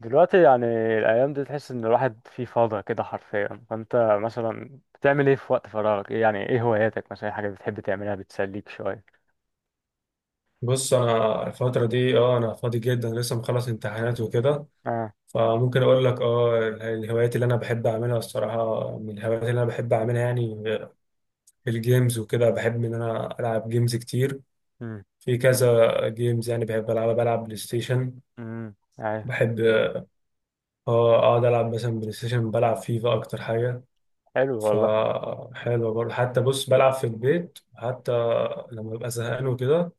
دلوقتي يعني الأيام دي تحس إن الواحد فيه فاضي كده حرفيا، فأنت مثلا بتعمل إيه في وقت فراغك؟ إيه يعني، إيه هواياتك مثلا، إيه حاجة بتحب تعملها بتسليك شوية؟ بص، انا الفتره دي انا فاضي جدا، لسه مخلص امتحانات وكده. آه. فممكن اقول لك الهوايات اللي انا بحب اعملها الصراحه، من الهوايات اللي انا بحب اعملها يعني الجيمز وكده. بحب ان انا العب جيمز كتير، أمم. في كذا جيمز يعني بحب العبها. بلعب بلاي ستيشن، أمم، أيوه. بحب اه اقعد العب مثلا بلاي ستيشن، بلعب فيفا اكتر حاجه. حلو والله. فحلوه برضه، حتى بص بلعب في البيت حتى لما ببقى زهقان وكده.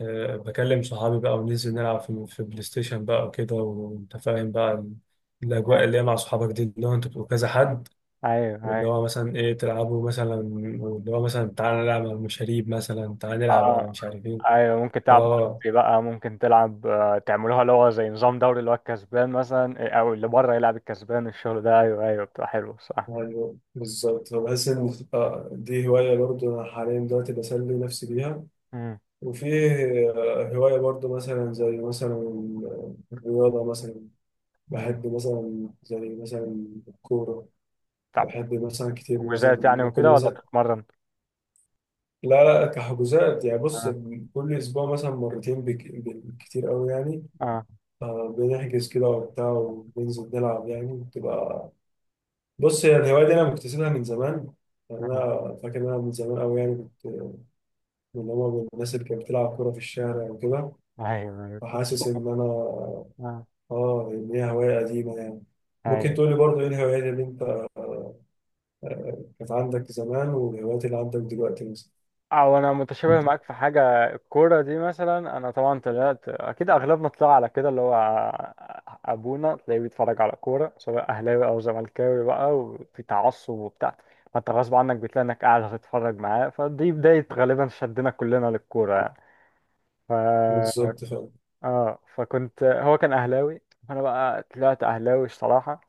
بكلم صحابي بقى وننزل نلعب في بلاي ستيشن بقى وكده، وانت فاهم بقى الاجواء أيوه، اللي هي مع صحابك دي، اللي هو انتوا بتبقوا كذا حد. أيوه، أيوه. واللي هو مثلا ايه تلعبوا مثلا، واللي هو مثلا تعالى نلعب على المشاريب مثلا، تعالى نلعب على آه. مش عارف ايه. أيوه، ممكن تلعب اه، مالتي بقى، ممكن تلعب، تعملوها اللي هو زي نظام دوري، اللي هو الكسبان مثلا إيه، أو اللي بره يلعب الكسبان، الشغل ده. أيوه أيوه، بتبقى حلوة، صح؟ ايوه بالظبط. بحس ان دي هوايه برضو انا حاليا دلوقتي بسلي نفسي بيها. أمم. وفي هوايه برضو مثلا زي مثلا الرياضه مثلا، أمم. بحب مثلا زي مثلا الكوره. بتلعب بحب مثلا كتير حجوزات يعني مثلا كل وكده ولا مثلا. بتتمرن؟ لا لا، كحجوزات يعني. بص، آه. كل اسبوع مثلا مرتين، بالكتير قوي يعني. آه. بنحجز كده وبتاع وبننزل نلعب، يعني بتبقى. بص، هي الهوايه دي انا مكتسبها من زمان. يعني آه. انا فاكر ان انا من زمان قوي يعني كنت من الناس اللي كانت بتلعب كوره في الشارع وكده. أيوه أيوه. فحاسس ان انا آه. اه ان هي هوايه قديمه يعني. ممكن ايوه. تقولي برضه ايه الهوايات اللي انت كانت عندك زمان، والهوايات اللي عندك دلوقتي مثلا. او انا متشابه معاك في حاجه. الكوره دي مثلا، انا طبعا طلعت اكيد اغلبنا طلع على كده، اللي هو ابونا تلاقيه بيتفرج على كوره، سواء اهلاوي او زملكاوي بقى، وفي تعصب وبتاع. فانت غصب عنك بتلاقي انك قاعد هتتفرج معاه، فدي بدايه غالبا شدنا كلنا للكوره يعني. بالظبط. اه، فكنت هو كان اهلاوي، فانا بقى طلعت اهلاوي الصراحه.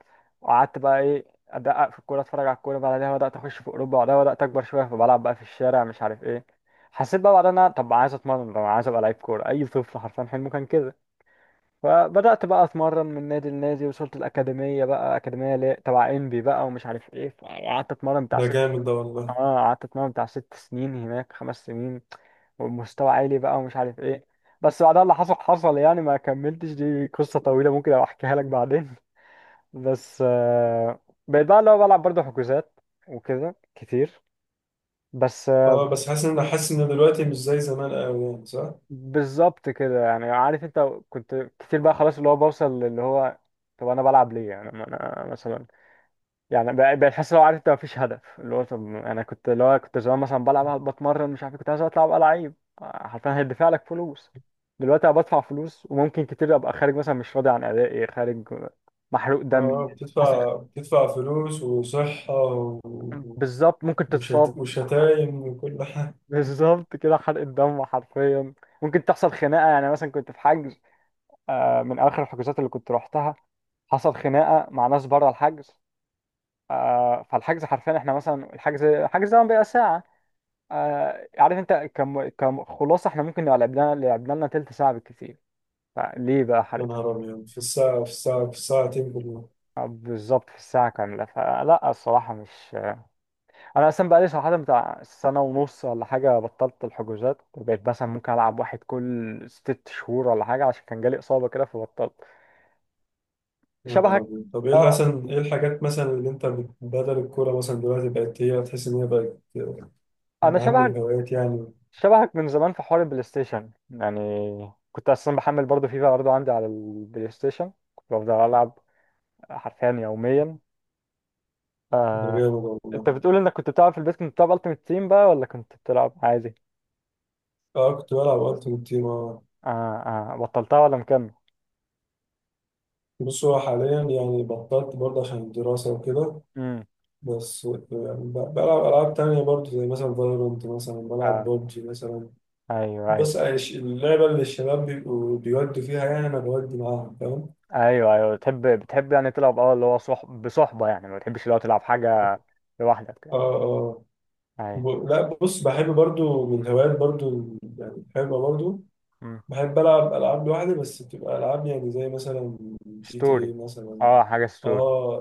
وقعدت بقى ايه، ادقق في الكوره، اتفرج على الكوره. بعدها بدات اخش في اوروبا، بعدها بدات اكبر شويه فبلعب بقى في الشارع، مش عارف ايه. حسيت بقى بعدها إن انا، طب عايز اتمرن، طب عايز ابقى لعيب كوره. اي طفل حرفيا حلمه كان كده. فبدات بقى اتمرن من نادي لنادي، وصلت الاكاديميه بقى، اكاديميه تبع انبي بقى ومش عارف ايه، فقعدت اتمرن بتاع. ده جامد ده والله. اه قعدت اتمرن بتاع 6 سنين هناك، 5 سنين ومستوى عالي بقى ومش عارف ايه. بس بعدها اللي حصل حصل يعني، ما كملتش، دي قصة طويلة ممكن ابقى احكيها لك بعدين بس بقيت بقى اللي هو بلعب برضه حجوزات وكده كتير. بس اه، بس حاسس ان دلوقتي مش زي زمان قوي يعني، صح؟ بالظبط كده يعني. عارف انت، كنت كتير بقى خلاص، اللي هو بوصل اللي هو طب انا بلعب ليه يعني، ما انا مثلا يعني بقيت حاسس، لو عارف انت مفيش هدف، اللي هو طب انا كنت، اللي هو كنت زمان مثلا بلعب، بتمرن، مش عارف كنت عايز اطلع ابقى لعيب. حرفيا هيدفع لك فلوس. دلوقتي انا بدفع فلوس وممكن كتير ابقى خارج مثلا، مش راضي عن ادائي خارج، محروق دمي. اه، حصل. بتدفع فلوس وصحة بالظبط ممكن تتصاب. وشتايم وكل حاجة. بالظبط كده، حرق الدم حرفيا. ممكن تحصل خناقه. يعني مثلا كنت في حجز، من اخر الحجوزات اللي كنت روحتها حصل خناقه مع ناس بره الحجز. فالحجز حرفيا احنا مثلا، الحجز ده بيبقى ساعه. آه عارف انت، كم خلاصه احنا ممكن نبقى لعبنا لنا تلت ساعه بالكتير. فليه بقى يا حضرتك؟ نهار أبيض، في الساعتين بالله. بالظبط، في الساعه كامله، فلا الصراحه مش. انا اصلا بقالي صراحه بتاع سنه ونص ولا حاجه بطلت الحجوزات، بقيت مثلا ممكن العب واحد كل 6 شهور ولا حاجه، عشان كان جالي اصابه كده فبطلت. يا نهار شبهك. أبيض، طب اه إيه الحاجات مثلا اللي أنت بدل الكورة مثلا دلوقتي، بقت هي تحس إن هي بقت من انا أهم شبهك. الهوايات يعني. شبهك من زمان في حوار البلاي ستيشن يعني. كنت اصلا بحمل برضه فيفا برضه عندي على البلاي ستيشن، كنت بفضل العب حرفيا يوميا. ده آه، جامد انت والله. بتقول انك كنت بتلعب في البيت، كنت بتلعب التيمت تيم بقى ولا كنت بتلعب عادي؟ اه، كنت بلعب ألعب تيم اه. اه اه. بطلتها ولا مكمل؟ بص، هو حاليا يعني بطلت برضه عشان الدراسة وكده. امم. بس بلعب ألعاب تانية برضو زي مثلا فالورانت، مثلا بلعب اه. ببجي مثلا. ايوه بص، ايوه. اللعبة اللي الشباب بيبقوا بيودوا فيها، يعني أنا بودي معاهم، فاهم. ايوه ايوه، بتحب يعني تلعب اه اللي هو صحب بصحبه يعني، ما بتحبش اللي هو تلعب حاجه لوحدك يعني؟ اه، اه. ايوه. لا، بص، بحب برضو من الهوايات برضو، يعني بحبها برضو. امم. بحب ألعب ألعاب لوحدي، بس بتبقى ألعاب يعني زي مثلا جي تي ستوري. اي مثلا، اه، حاجه ستوري. اه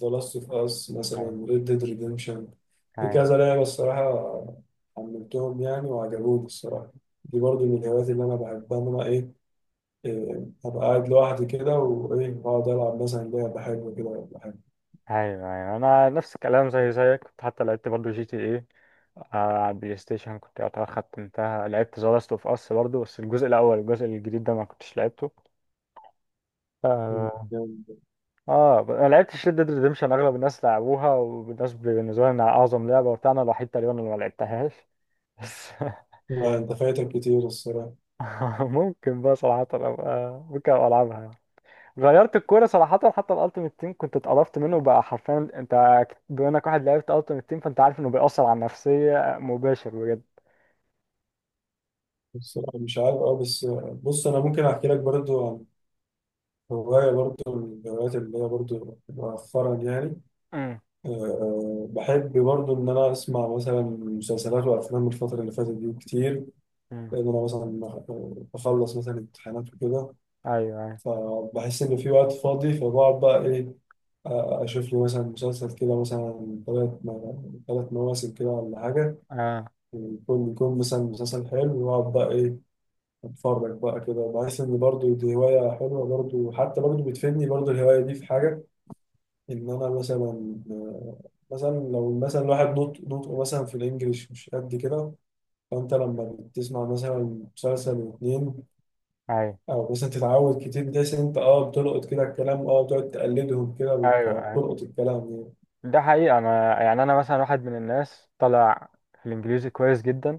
ذا لاست اوف اس ايوه. مثلا، ريد ديد ريديمشن. في ايوه. كذا لعبه الصراحه، حملتهم يعني وعجبوني الصراحه. دي برضو من الهوايات اللي انا بحبها، ان انا ايه، ابقى قاعد لوحدي كده، وايه اقعد العب مثلا لعبه حلوه كده ولا حاجه. ايوه ايوه، انا نفس الكلام زي زيك. كنت حتى لعبت برضو جي تي ايه على البلاي ستيشن، كنت يعتبر ختمتها. لعبت ذا لاست اوف اس برضو، بس الجزء الاول، الجزء الجديد ده ما كنتش لعبته. آه، يعني اه انا لعبتش ريد ديد ريديمشن. اغلب الناس لعبوها، والناس بالنسبه لي انها اعظم لعبه وبتاع، انا الوحيد تقريبا اللي ما لعبتهاش. بس ما انت فايتك كتير الصراحه. ممكن بقى صراحه ابقى، ممكن ابقى العبها يعني. غيرت الكوره صراحه، حتى الالتيميت تيم كنت اتقرفت منه بقى حرفيا. انت بما انك واحد لعبت التيميت تيم، فانت عارف انه بيأثر على النفسيه مباشر بجد. الصراحه مش عارف، بس بص انا ممكن احكي لك برضو عن هوايه برضو، من الهوايات اللي هي برضو مؤخرا يعني. امم. بحب برضه إن أنا أسمع مثلا مسلسلات وأفلام الفترة اللي فاتت دي كتير، امم. لأن أنا مثلا بخلص مثلا امتحانات وكده، ايوه ايوه. فبحس إن في وقت فاضي. فبقعد بقى إيه، أ- أشوف لي مثلا مسلسل كده مثلا تلات مواسم كده ولا حاجة. آه. يكون مثلا مسلسل حلو، وأقعد بقى إيه، أتفرج بقى كده. بحس إن برضه دي هواية حلوة برضه، حتى برضه بتفيدني برضه. الهواية دي في حاجة، ان انا مثلا، لو مثلا الواحد نطق نطقه مثلا في الانجليش مش قد كده، فانت لما بتسمع مثلا مسلسل واتنين ايوه او مثلا تتعود كتير، بتحس ان انت بتلقط كده الكلام، بتقعد تقلدهم كده ايوه. فبتلقط الكلام يعني. ده حقيقة. أنا يعني، أنا مثلا واحد من الناس طالع في الإنجليزي كويس جدا،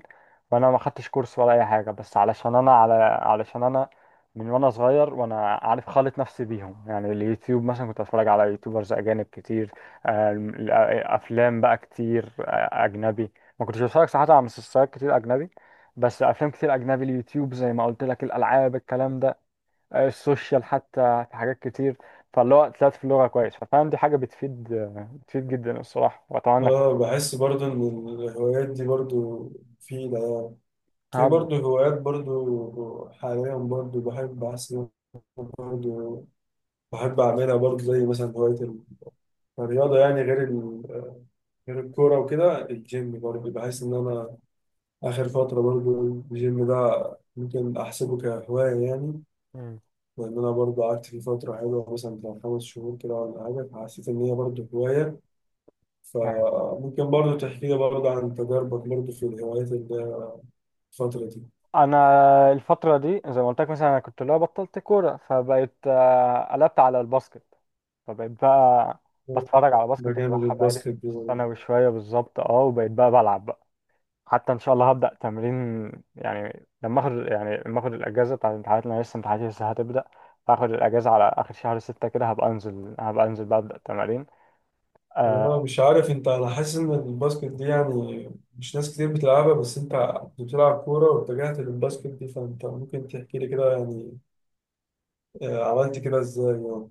وأنا ما خدتش كورس ولا أي حاجة، بس علشان أنا على، علشان أنا من وأنا صغير وأنا عارف خالط نفسي بيهم. يعني اليوتيوب مثلا كنت أتفرج على يوتيوبرز أجانب كتير، آم، ال- آه، أفلام بقى كتير أجنبي. ما كنتش بتفرج صراحة على مسلسلات كتير أجنبي، بس أفلام كتير أجنبي. اليوتيوب زي ما قلت لك، الألعاب، الكلام ده، السوشيال، حتى في حاجات كتير. فاللي هو طلعت في اللغة كويس، ففعلا دي حاجة بتفيد جدا الصراحة. وأتمنى إنك اه، بحس برضو ان الهوايات دي برضو مفيدة يعني. في هب- برضو هوايات برضو حاليا برضو، بحب احس إن أنا برضو بحب اعملها برضو، زي مثلا هواية الرياضة يعني. غير الكورة وكده، الجيم برضه، بحس إن أنا آخر فترة برضه الجيم ده ممكن أحسبه كهواية يعني، مم. لأن أنا برضه قعدت فيه فترة حلوة مثلا بتاع 5 شهور كده ولا حاجة، فحسيت إن هي برضه هواية. فممكن برضه تحكي لي برضه عن تجاربك برضه في الهوايات اللي الفترة دي. أنا الفترة دي زي ما قلت لك، مثلا أنا كنت اللي هو بطلت كورة، فبقيت قلبت على الباسكت. فبقيت بقى بتفرج على باسكت ده جامد، بتابعها، بقالي الباسكت دي برضه. ثانوي شوية بالظبط أه. وبقيت بقى بلعب بقى، حتى ان شاء الله هبدا تمرين يعني لما اخد الاجازه بتاعت الامتحانات، لان لسه امتحاناتي لسه هتبدا. فاخد الاجازه على اخر شهر 6 كده، هبقى انزل بقى ابدا تمارين. طب أنا آه، مش عارف أنت، أنا حاسس إن الباسكت دي يعني مش ناس كتير بتلعبها، بس أنت بتلعب كورة واتجهت للباسكت دي، فأنت ممكن تحكي لي كده يعني عملت كده ازاي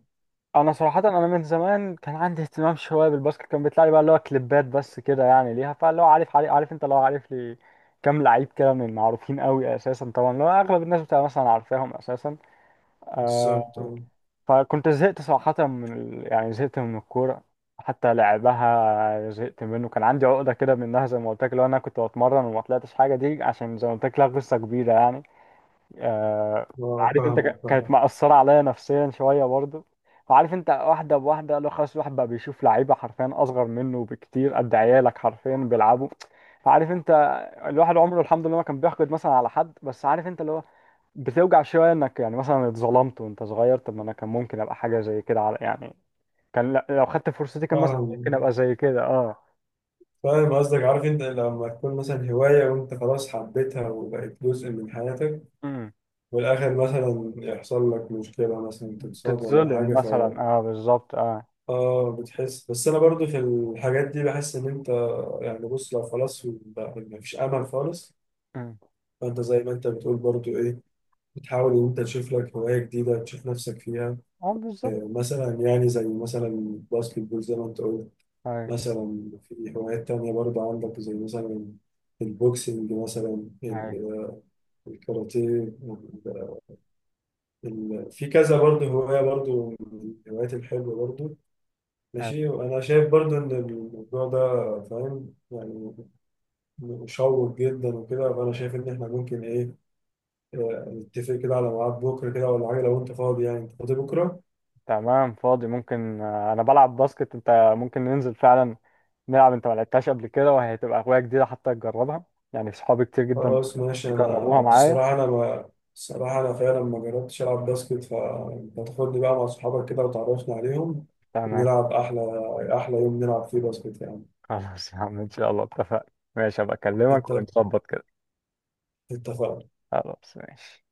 انا صراحه انا من زمان كان عندي اهتمام شويه بالباسكت، كان بيطلع لي بقى اللي هو كليبات بس كده يعني ليها، فاللي هو عارف انت اللي هو عارف لي كام لعيب كده من المعروفين قوي اساسا، طبعا اللي هو اغلب الناس بتبقى مثلا عارفاهم اساسا. بالظبط آه، اه. فكنت زهقت صراحة من يعني زهقت من الكورة. حتى لعبها زهقت منه، كان عندي عقدة كده منها. زي ما قلت لك لو أنا كنت بتمرن وما طلعتش حاجة، دي عشان زي ما قلت لك لها قصة كبيرة يعني. آه... آه، عارف أنت، فاهمك كانت فاهم مأثرة عليا نفسيا شوية برضه. وعارف أنت، واحدة بواحدة، لو خلاص الواحد بقى بيشوف لعيبة حرفيا أصغر منه بكتير، قد عيالك حرفيا بيلعبوا. فعارف أنت، الواحد عمره الحمد لله ما كان بيحقد مثلا على حد، بس عارف أنت اللي هو بتوجع شويه انك يعني مثلا اتظلمت وانت صغير. طب ما انا كان ممكن ابقى حاجه زي كده، على يعني كان لو خدت فرصتي كان مثلا فاهم ممكن ابقى زي كده اه. فاهم قصدك. عارف انت، لما تكون مثلا هواية وانت خلاص حبيتها وبقت جزء من حياتك، امم. والاخر مثلا يحصل لك مشكلة مثلا تتصاب ولا تتظلم حاجة، ف مثلا، اه بالظبط اه. اه بتحس. بس انا برضو في الحاجات دي بحس ان انت، يعني بص لو خلاص ما فيش امل خالص، امم. فانت زي ما انت بتقول برضو ايه، بتحاول ان انت تشوف لك هواية جديدة تشوف نفسك فيها. اه بالظبط. مثلا يعني زي مثلا الباسكت بول زي ما انت قلت. هاي. مثلا في هوايات تانية برضه عندك زي مثلا البوكسنج مثلا، هاي. الكاراتيه، في كذا برضه هواية برضه من الهوايات الحلوة برضه. هاي. ماشي، وأنا شايف برضه إن الموضوع ده، فاهم يعني، مشوق جدا وكده. فأنا شايف إن إحنا ممكن إيه نتفق كده على ميعاد بكرة كده ولا حاجة لو أنت فاضي يعني. أنت فاضي بكرة؟ تمام، فاضي. ممكن انا بلعب باسكت انت، ممكن ننزل فعلا نلعب، انت ما لعبتهاش قبل كده وهي تبقى هوايه جديده حتى، تجربها يعني. صحابي كتير جدا خلاص ماشي. انا جربوها معايا. الصراحه انا ما الصراحه انا فعلا ما جربتش العب باسكت، فانت تاخدني بقى مع صحابك كده وتعرفنا عليهم، تمام. ونلعب احلى احلى يوم نلعب فيه باسكت يعني. خلاص يا عم ان شاء الله، اتفقنا ماشي. هبقى اكلمك اتفق- ونظبط كده. اتفقنا. خلاص ماشي.